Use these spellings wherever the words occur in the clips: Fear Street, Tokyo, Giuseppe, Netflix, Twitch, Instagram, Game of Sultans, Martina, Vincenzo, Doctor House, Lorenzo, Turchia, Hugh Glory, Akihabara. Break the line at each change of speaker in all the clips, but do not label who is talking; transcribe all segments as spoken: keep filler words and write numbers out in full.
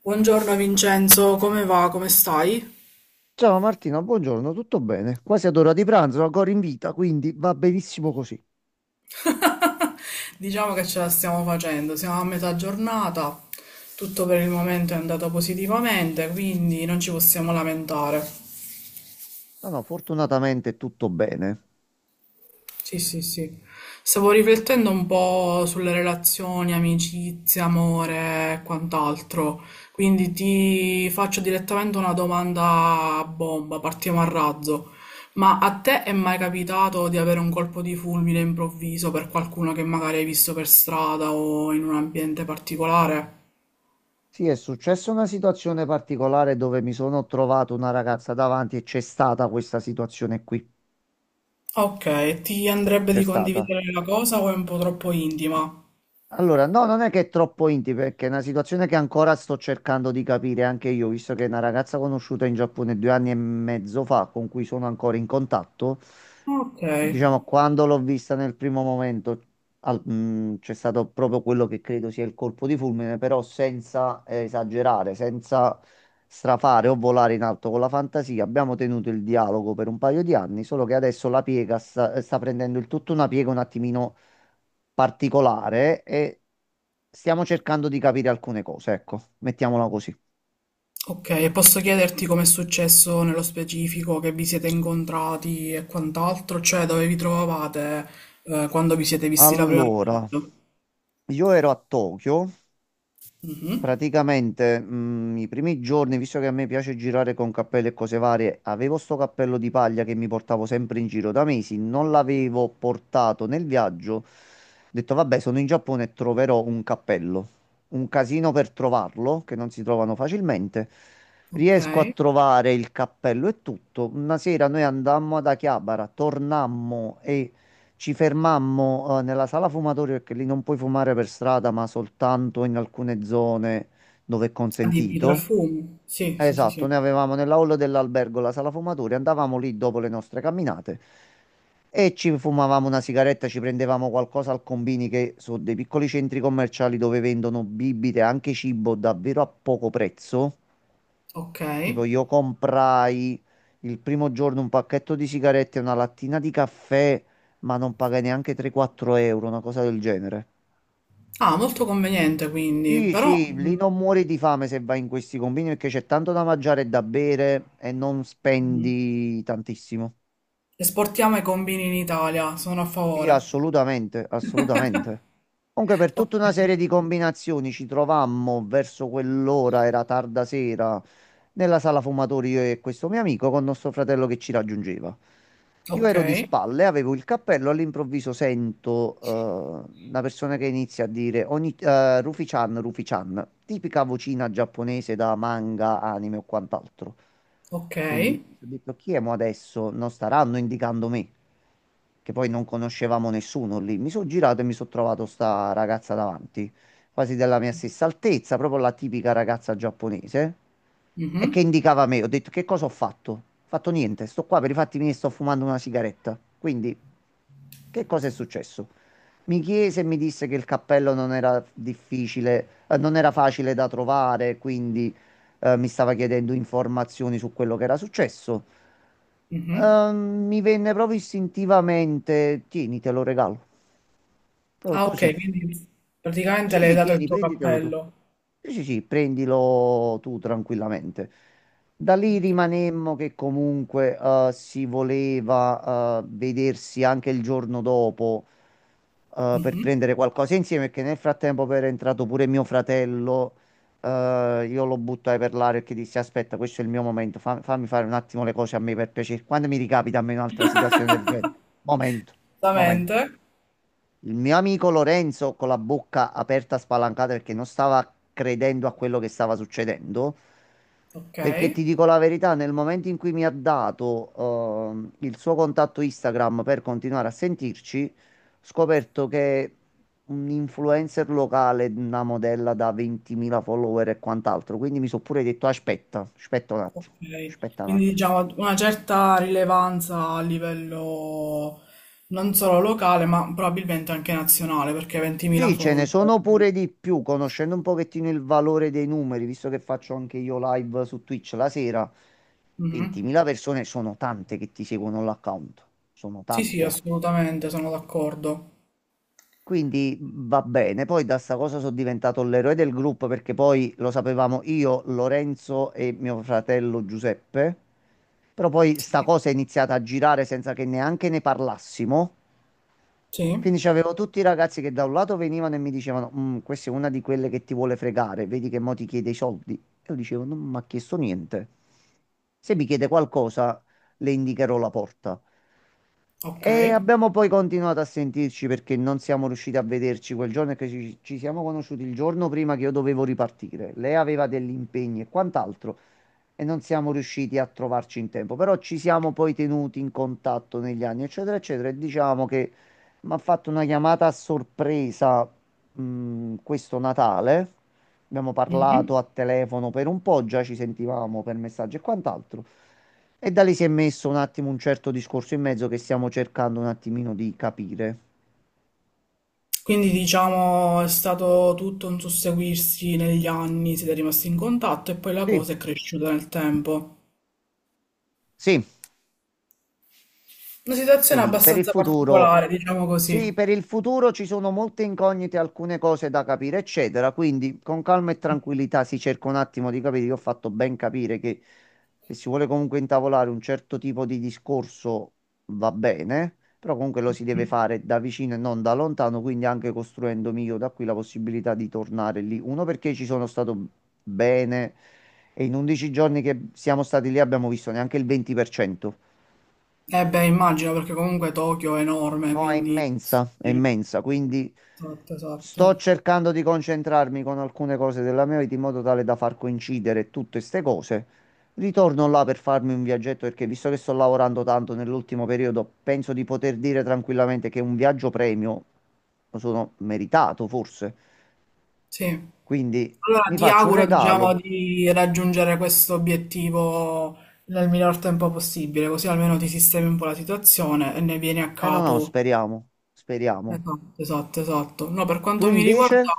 Buongiorno Vincenzo, come va? Come stai?
Ciao Martina, buongiorno, tutto bene? Quasi ad ora di pranzo, ancora in vita, quindi va benissimo così.
Diciamo che ce la stiamo facendo, siamo a metà giornata, tutto per il momento è andato positivamente, quindi non ci possiamo lamentare.
No, no, fortunatamente tutto bene.
Sì, sì, sì. Stavo riflettendo un po' sulle relazioni, amicizia, amore e quant'altro. Quindi ti faccio direttamente una domanda a bomba, partiamo a razzo. Ma a te è mai capitato di avere un colpo di fulmine improvviso per qualcuno che magari hai visto per strada o in un ambiente particolare?
Sì, è successa una situazione particolare dove mi sono trovato una ragazza davanti e c'è stata questa situazione qui.
Ok, ti andrebbe
C'è
di
stata.
condividere la cosa o è un po' troppo intima?
Allora, no, non è che è troppo intimo, perché è una situazione che ancora sto cercando di capire anche io, visto che è una ragazza conosciuta in Giappone due anni e mezzo fa, con cui sono ancora in contatto.
Ok.
Diciamo, quando l'ho vista nel primo momento, al- mh, c'è stato proprio quello che credo sia il colpo di fulmine, però senza eh, esagerare, senza strafare o volare in alto con la fantasia. Abbiamo tenuto il dialogo per un paio di anni, solo che adesso la piega sta, sta prendendo il tutto una piega un attimino particolare e stiamo cercando di capire alcune cose, ecco, mettiamola così.
Ok, e posso chiederti com'è successo nello specifico, che vi siete incontrati e quant'altro, cioè dove vi trovavate eh, quando vi siete visti la prima
Allora,
volta?
io ero a Tokyo.
Mhm.
Praticamente, mm, i primi giorni, visto che a me piace girare con cappelli e cose varie, avevo sto cappello di paglia che mi portavo sempre in giro da mesi, non l'avevo portato nel viaggio. Ho detto, vabbè, sono in Giappone e troverò un cappello. Un casino per trovarlo, che non si trovano facilmente.
Ok,
Riesco a trovare il cappello e tutto. Una sera noi andammo ad Akihabara, tornammo e ci fermammo, eh, nella sala fumatori perché lì non puoi fumare per strada, ma soltanto in alcune zone dove è
adibito al
consentito.
fumo. Sì, sì, sì,
Esatto,
sì.
noi avevamo nella hall dell'albergo la sala fumatori, andavamo lì dopo le nostre camminate e ci fumavamo una sigaretta, ci prendevamo qualcosa al combini che sono dei piccoli centri commerciali dove vendono bibite, anche cibo davvero a poco prezzo.
Ok.
Tipo, io comprai il primo giorno un pacchetto di sigarette e una lattina di caffè, ma non pagai neanche tre-quattro euro, una cosa del genere.
Ah, molto conveniente quindi,
Sì,
però
sì, lì
mhm.
non muori di fame se vai in questi convini perché c'è tanto da mangiare e da bere e non spendi tantissimo.
Esportiamo i combini in Italia, sono a
Sì,
favore.
assolutamente, assolutamente. Comunque per tutta una
Ok,
serie di combinazioni ci trovammo verso quell'ora, era tarda sera, nella sala fumatori io e questo mio amico con nostro fratello che ci raggiungeva. Io
ok,
ero di spalle, avevo il cappello, all'improvviso sento eh, una persona che inizia a dire ogni, eh, Rufi-chan, Rufi-chan, tipica vocina giapponese da manga, anime o quant'altro.
ok.
Quindi ho detto chi è mo adesso? Non staranno indicando me che poi non conoscevamo nessuno lì. Mi sono girato e mi sono trovato sta ragazza davanti, quasi della mia stessa altezza, proprio la tipica ragazza giapponese, e che
Mhm,
indicava me. Ho detto, che cosa ho fatto? Ho fatto niente, sto qua per i fatti miei, sto fumando una sigaretta. Quindi, che cosa è successo? Mi chiese e mi disse che il cappello non era difficile, eh, non era facile da trovare, quindi eh, mi stava chiedendo informazioni su quello che era successo.
mhm.
Ehm, mi venne proprio istintivamente, tieni, te lo regalo. Proprio
Ah, ok,
così,
quindi praticamente
sì,
le hai
sì,
dato il
tieni,
tuo
prenditelo tu.
cappello.
Sì, sì, sì, prendilo tu tranquillamente. Da lì
Ok.
rimanemmo che comunque eh, si voleva eh, vedersi anche il giorno dopo eh, per
Mhm.
prendere qualcosa insieme, perché nel frattempo era entrato pure mio fratello. Eh, io lo buttai per l'aria perché dissi: aspetta, questo è il mio momento, fa- fammi fare un attimo le cose a me per piacere. Quando mi ricapita a me un'altra situazione del genere? Momento, momento.
Esattamente.
Il mio amico Lorenzo, con la bocca aperta spalancata perché non stava credendo a quello che stava succedendo,
Ok.
perché ti dico la verità, nel momento in cui mi ha dato ehm, il suo contatto Instagram per continuare a sentirci, ho scoperto che un influencer locale, una modella da ventimila follower e quant'altro, quindi mi sono pure detto aspetta, aspetta un attimo,
Ok.
aspetta un
Quindi
attimo.
diciamo una certa rilevanza a livello non solo locale, ma probabilmente anche nazionale, perché ventimila
Sì, ce ne
follower.
sono pure di più, conoscendo un pochettino il valore dei numeri, visto che faccio anche io live su Twitch la sera,
Mhm.
ventimila persone sono tante che ti seguono l'account, sono
Sì, sì,
tante.
assolutamente, sono d'accordo.
Quindi mhmm, va bene, poi da sta cosa sono diventato l'eroe del gruppo perché poi lo sapevamo io, Lorenzo e mio fratello Giuseppe, però poi sta
Sì.
cosa è iniziata a girare senza che neanche ne parlassimo.
Sì.
Quindi c'avevo tutti i ragazzi che da un lato venivano e mi dicevano: "Mm, questa è una di quelle che ti vuole fregare, vedi che mo ti chiede i soldi." E io dicevo: non mi ha chiesto niente. Se mi chiede qualcosa, le indicherò la porta.
Ok.
E abbiamo poi continuato a sentirci perché non siamo riusciti a vederci quel giorno e che ci, ci siamo conosciuti il giorno prima che io dovevo ripartire. Lei aveva degli impegni e quant'altro e non siamo riusciti a trovarci in tempo, però ci siamo poi tenuti in contatto negli anni, eccetera, eccetera, e diciamo che mi ha fatto una chiamata a sorpresa, mh, questo Natale. Abbiamo parlato
Mhm.
a telefono per un po', già ci sentivamo per messaggi e quant'altro. E da lì si è messo un attimo un certo discorso in mezzo che stiamo cercando un attimino di capire.
Quindi diciamo è stato tutto un susseguirsi negli anni, siete rimasti in contatto e poi la
Sì.
cosa è cresciuta nel tempo.
Sì,
Una situazione
quindi per il
abbastanza
futuro
particolare, diciamo
Sì,
così.
per il futuro ci sono molte incognite, alcune cose da capire, eccetera. Quindi con calma e tranquillità si cerca un attimo di capire. Io ho fatto ben capire che se si vuole comunque intavolare un certo tipo di discorso va bene, però comunque lo si deve fare da vicino e non da lontano, quindi anche costruendomi io da qui la possibilità di tornare lì. Uno perché ci sono stato bene e in undici giorni che siamo stati lì abbiamo visto neanche il venti per cento.
Eh beh, immagino perché comunque Tokyo è enorme,
No, è
quindi...
immensa, è
sì,
immensa, quindi
esatto, esatto.
sto cercando di concentrarmi con alcune cose della mia vita in modo tale da far coincidere tutte queste cose. Ritorno là per farmi un viaggetto perché visto che sto lavorando tanto nell'ultimo periodo, penso di poter dire tranquillamente che un viaggio premio lo sono meritato, forse.
Sì.
Quindi
Allora
mi
ti
faccio un
auguro, diciamo,
regalo.
di raggiungere questo obiettivo nel miglior tempo possibile, così almeno ti sistemi un po' la situazione e ne vieni a
Eh no, no,
capo.
speriamo, speriamo.
Esatto, esatto, esatto. No, per quanto
Tu
mi
invece?
riguarda,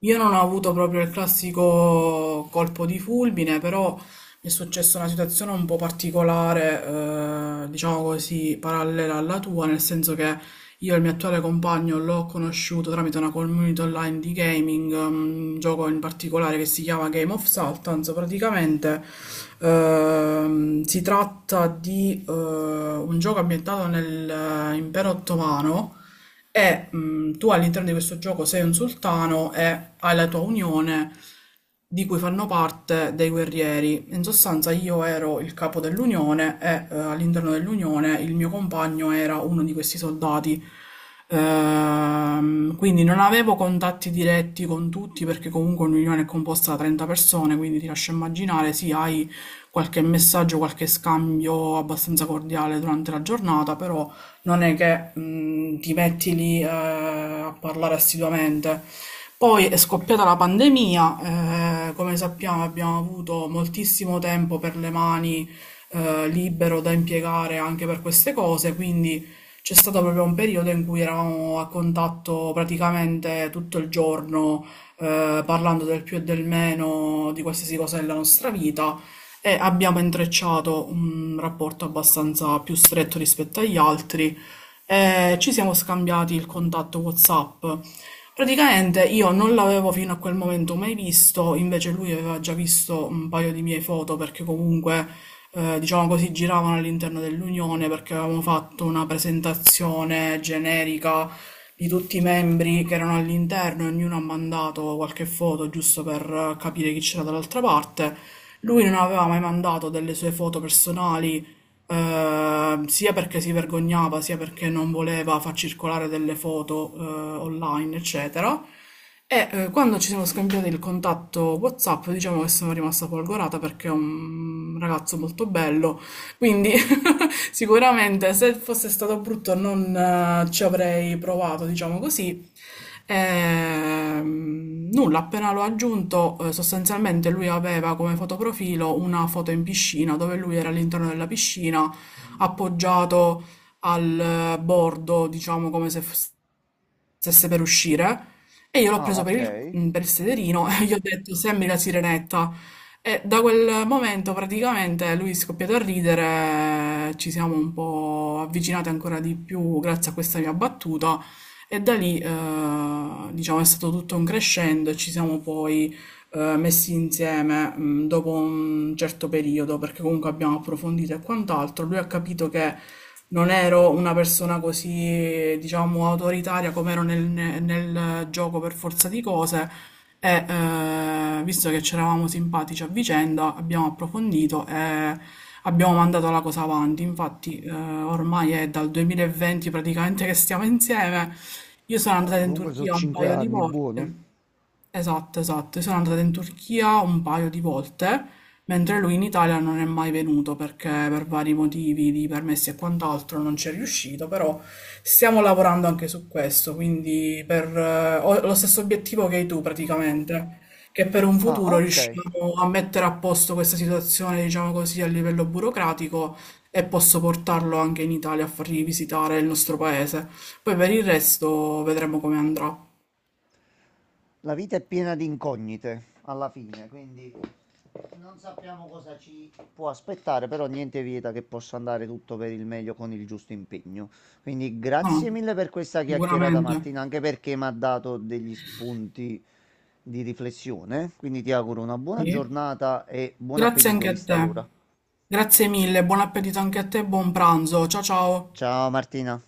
io non ho avuto proprio il classico colpo di fulmine, però mi è successa una situazione un po' particolare, eh, diciamo così, parallela alla tua, nel senso che io il mio attuale compagno l'ho conosciuto tramite una community online di gaming, mm, un gioco in particolare che si chiama Game of Sultans. Praticamente ehm, si tratta di eh, un gioco ambientato nell'impero ottomano e mh, tu all'interno di questo gioco sei un sultano e hai la tua unione di cui fanno parte dei guerrieri. In sostanza io ero il capo dell'unione e eh, all'interno dell'unione il mio compagno era uno di questi soldati. Ehm, quindi non avevo contatti diretti con tutti perché comunque un'unione è composta da trenta persone, quindi ti lascio immaginare, sì, hai qualche messaggio, qualche scambio abbastanza cordiale durante la giornata, però non è che mh, ti metti lì eh, a parlare assiduamente. Poi è scoppiata la pandemia, eh, come sappiamo abbiamo avuto moltissimo tempo per le mani eh, libero da impiegare anche per queste cose, quindi c'è stato proprio un periodo in cui eravamo a contatto praticamente tutto il giorno, eh, parlando del più e del meno di qualsiasi cosa della nostra vita e abbiamo intrecciato un rapporto abbastanza più stretto rispetto agli altri e ci siamo scambiati il contatto WhatsApp. Praticamente io non l'avevo fino a quel momento mai visto, invece lui aveva già visto un paio di mie foto perché comunque, eh, diciamo così, giravano all'interno dell'Unione perché avevamo fatto una presentazione generica di tutti i membri che erano all'interno e ognuno ha mandato qualche foto giusto per eh, capire chi c'era dall'altra parte. Lui non aveva mai mandato delle sue foto personali, eh, sia perché si vergognava, sia perché non voleva far circolare delle foto, eh, online, eccetera. E eh, quando ci siamo scambiati il contatto WhatsApp, diciamo che sono rimasta folgorata perché è un ragazzo molto bello, quindi sicuramente se fosse stato brutto non eh, ci avrei provato, diciamo così. Ehm, nulla, appena l'ho aggiunto, eh, sostanzialmente lui aveva come fotoprofilo una foto in piscina dove lui era all'interno della piscina appoggiato al eh, bordo, diciamo come se fosse stesse per uscire, e io l'ho
Ah,
preso
ok.
per il, mm, per il sederino e gli ho detto sembri la sirenetta, e da quel momento praticamente lui è scoppiato a ridere, ci siamo un po' avvicinati ancora di più grazie a questa mia battuta e da lì eh, diciamo è stato tutto un crescendo e ci siamo poi eh, messi insieme mh, dopo un certo periodo, perché comunque abbiamo approfondito e quant'altro, lui ha capito che non ero una persona così, diciamo, autoritaria come ero nel, nel gioco per forza di cose. E eh, visto che c'eravamo simpatici a vicenda, abbiamo approfondito e abbiamo mandato la cosa avanti. Infatti, eh, ormai è dal duemilaventi praticamente che stiamo insieme. Io sono andata
No,
in
comunque sono
Turchia un
cinque
paio di
anni, buono.
volte. Esatto, esatto. Io sono andata in Turchia un paio di volte, mentre lui in Italia non è mai venuto perché per vari motivi di permessi e quant'altro non ci è riuscito, però stiamo lavorando anche su questo, quindi per, eh, ho lo stesso obiettivo che hai tu praticamente, che per un
Ah,
futuro
ok.
riusciamo a mettere a posto questa situazione, diciamo così, a livello burocratico, e posso portarlo anche in Italia a fargli visitare il nostro paese. Poi per il resto vedremo come andrà.
La vita è piena di incognite alla fine, quindi non sappiamo cosa ci può aspettare, però niente vieta che possa andare tutto per il meglio con il giusto impegno. Quindi
No,
grazie mille per questa chiacchierata
sicuramente.
Martina, anche perché mi ha dato degli spunti di riflessione. Quindi ti auguro una buona
Sì.
giornata e buon
Grazie
appetito
anche a
vista
te.
l'ora.
Grazie mille, buon appetito anche a te e buon pranzo. Ciao ciao.
Ciao Martina.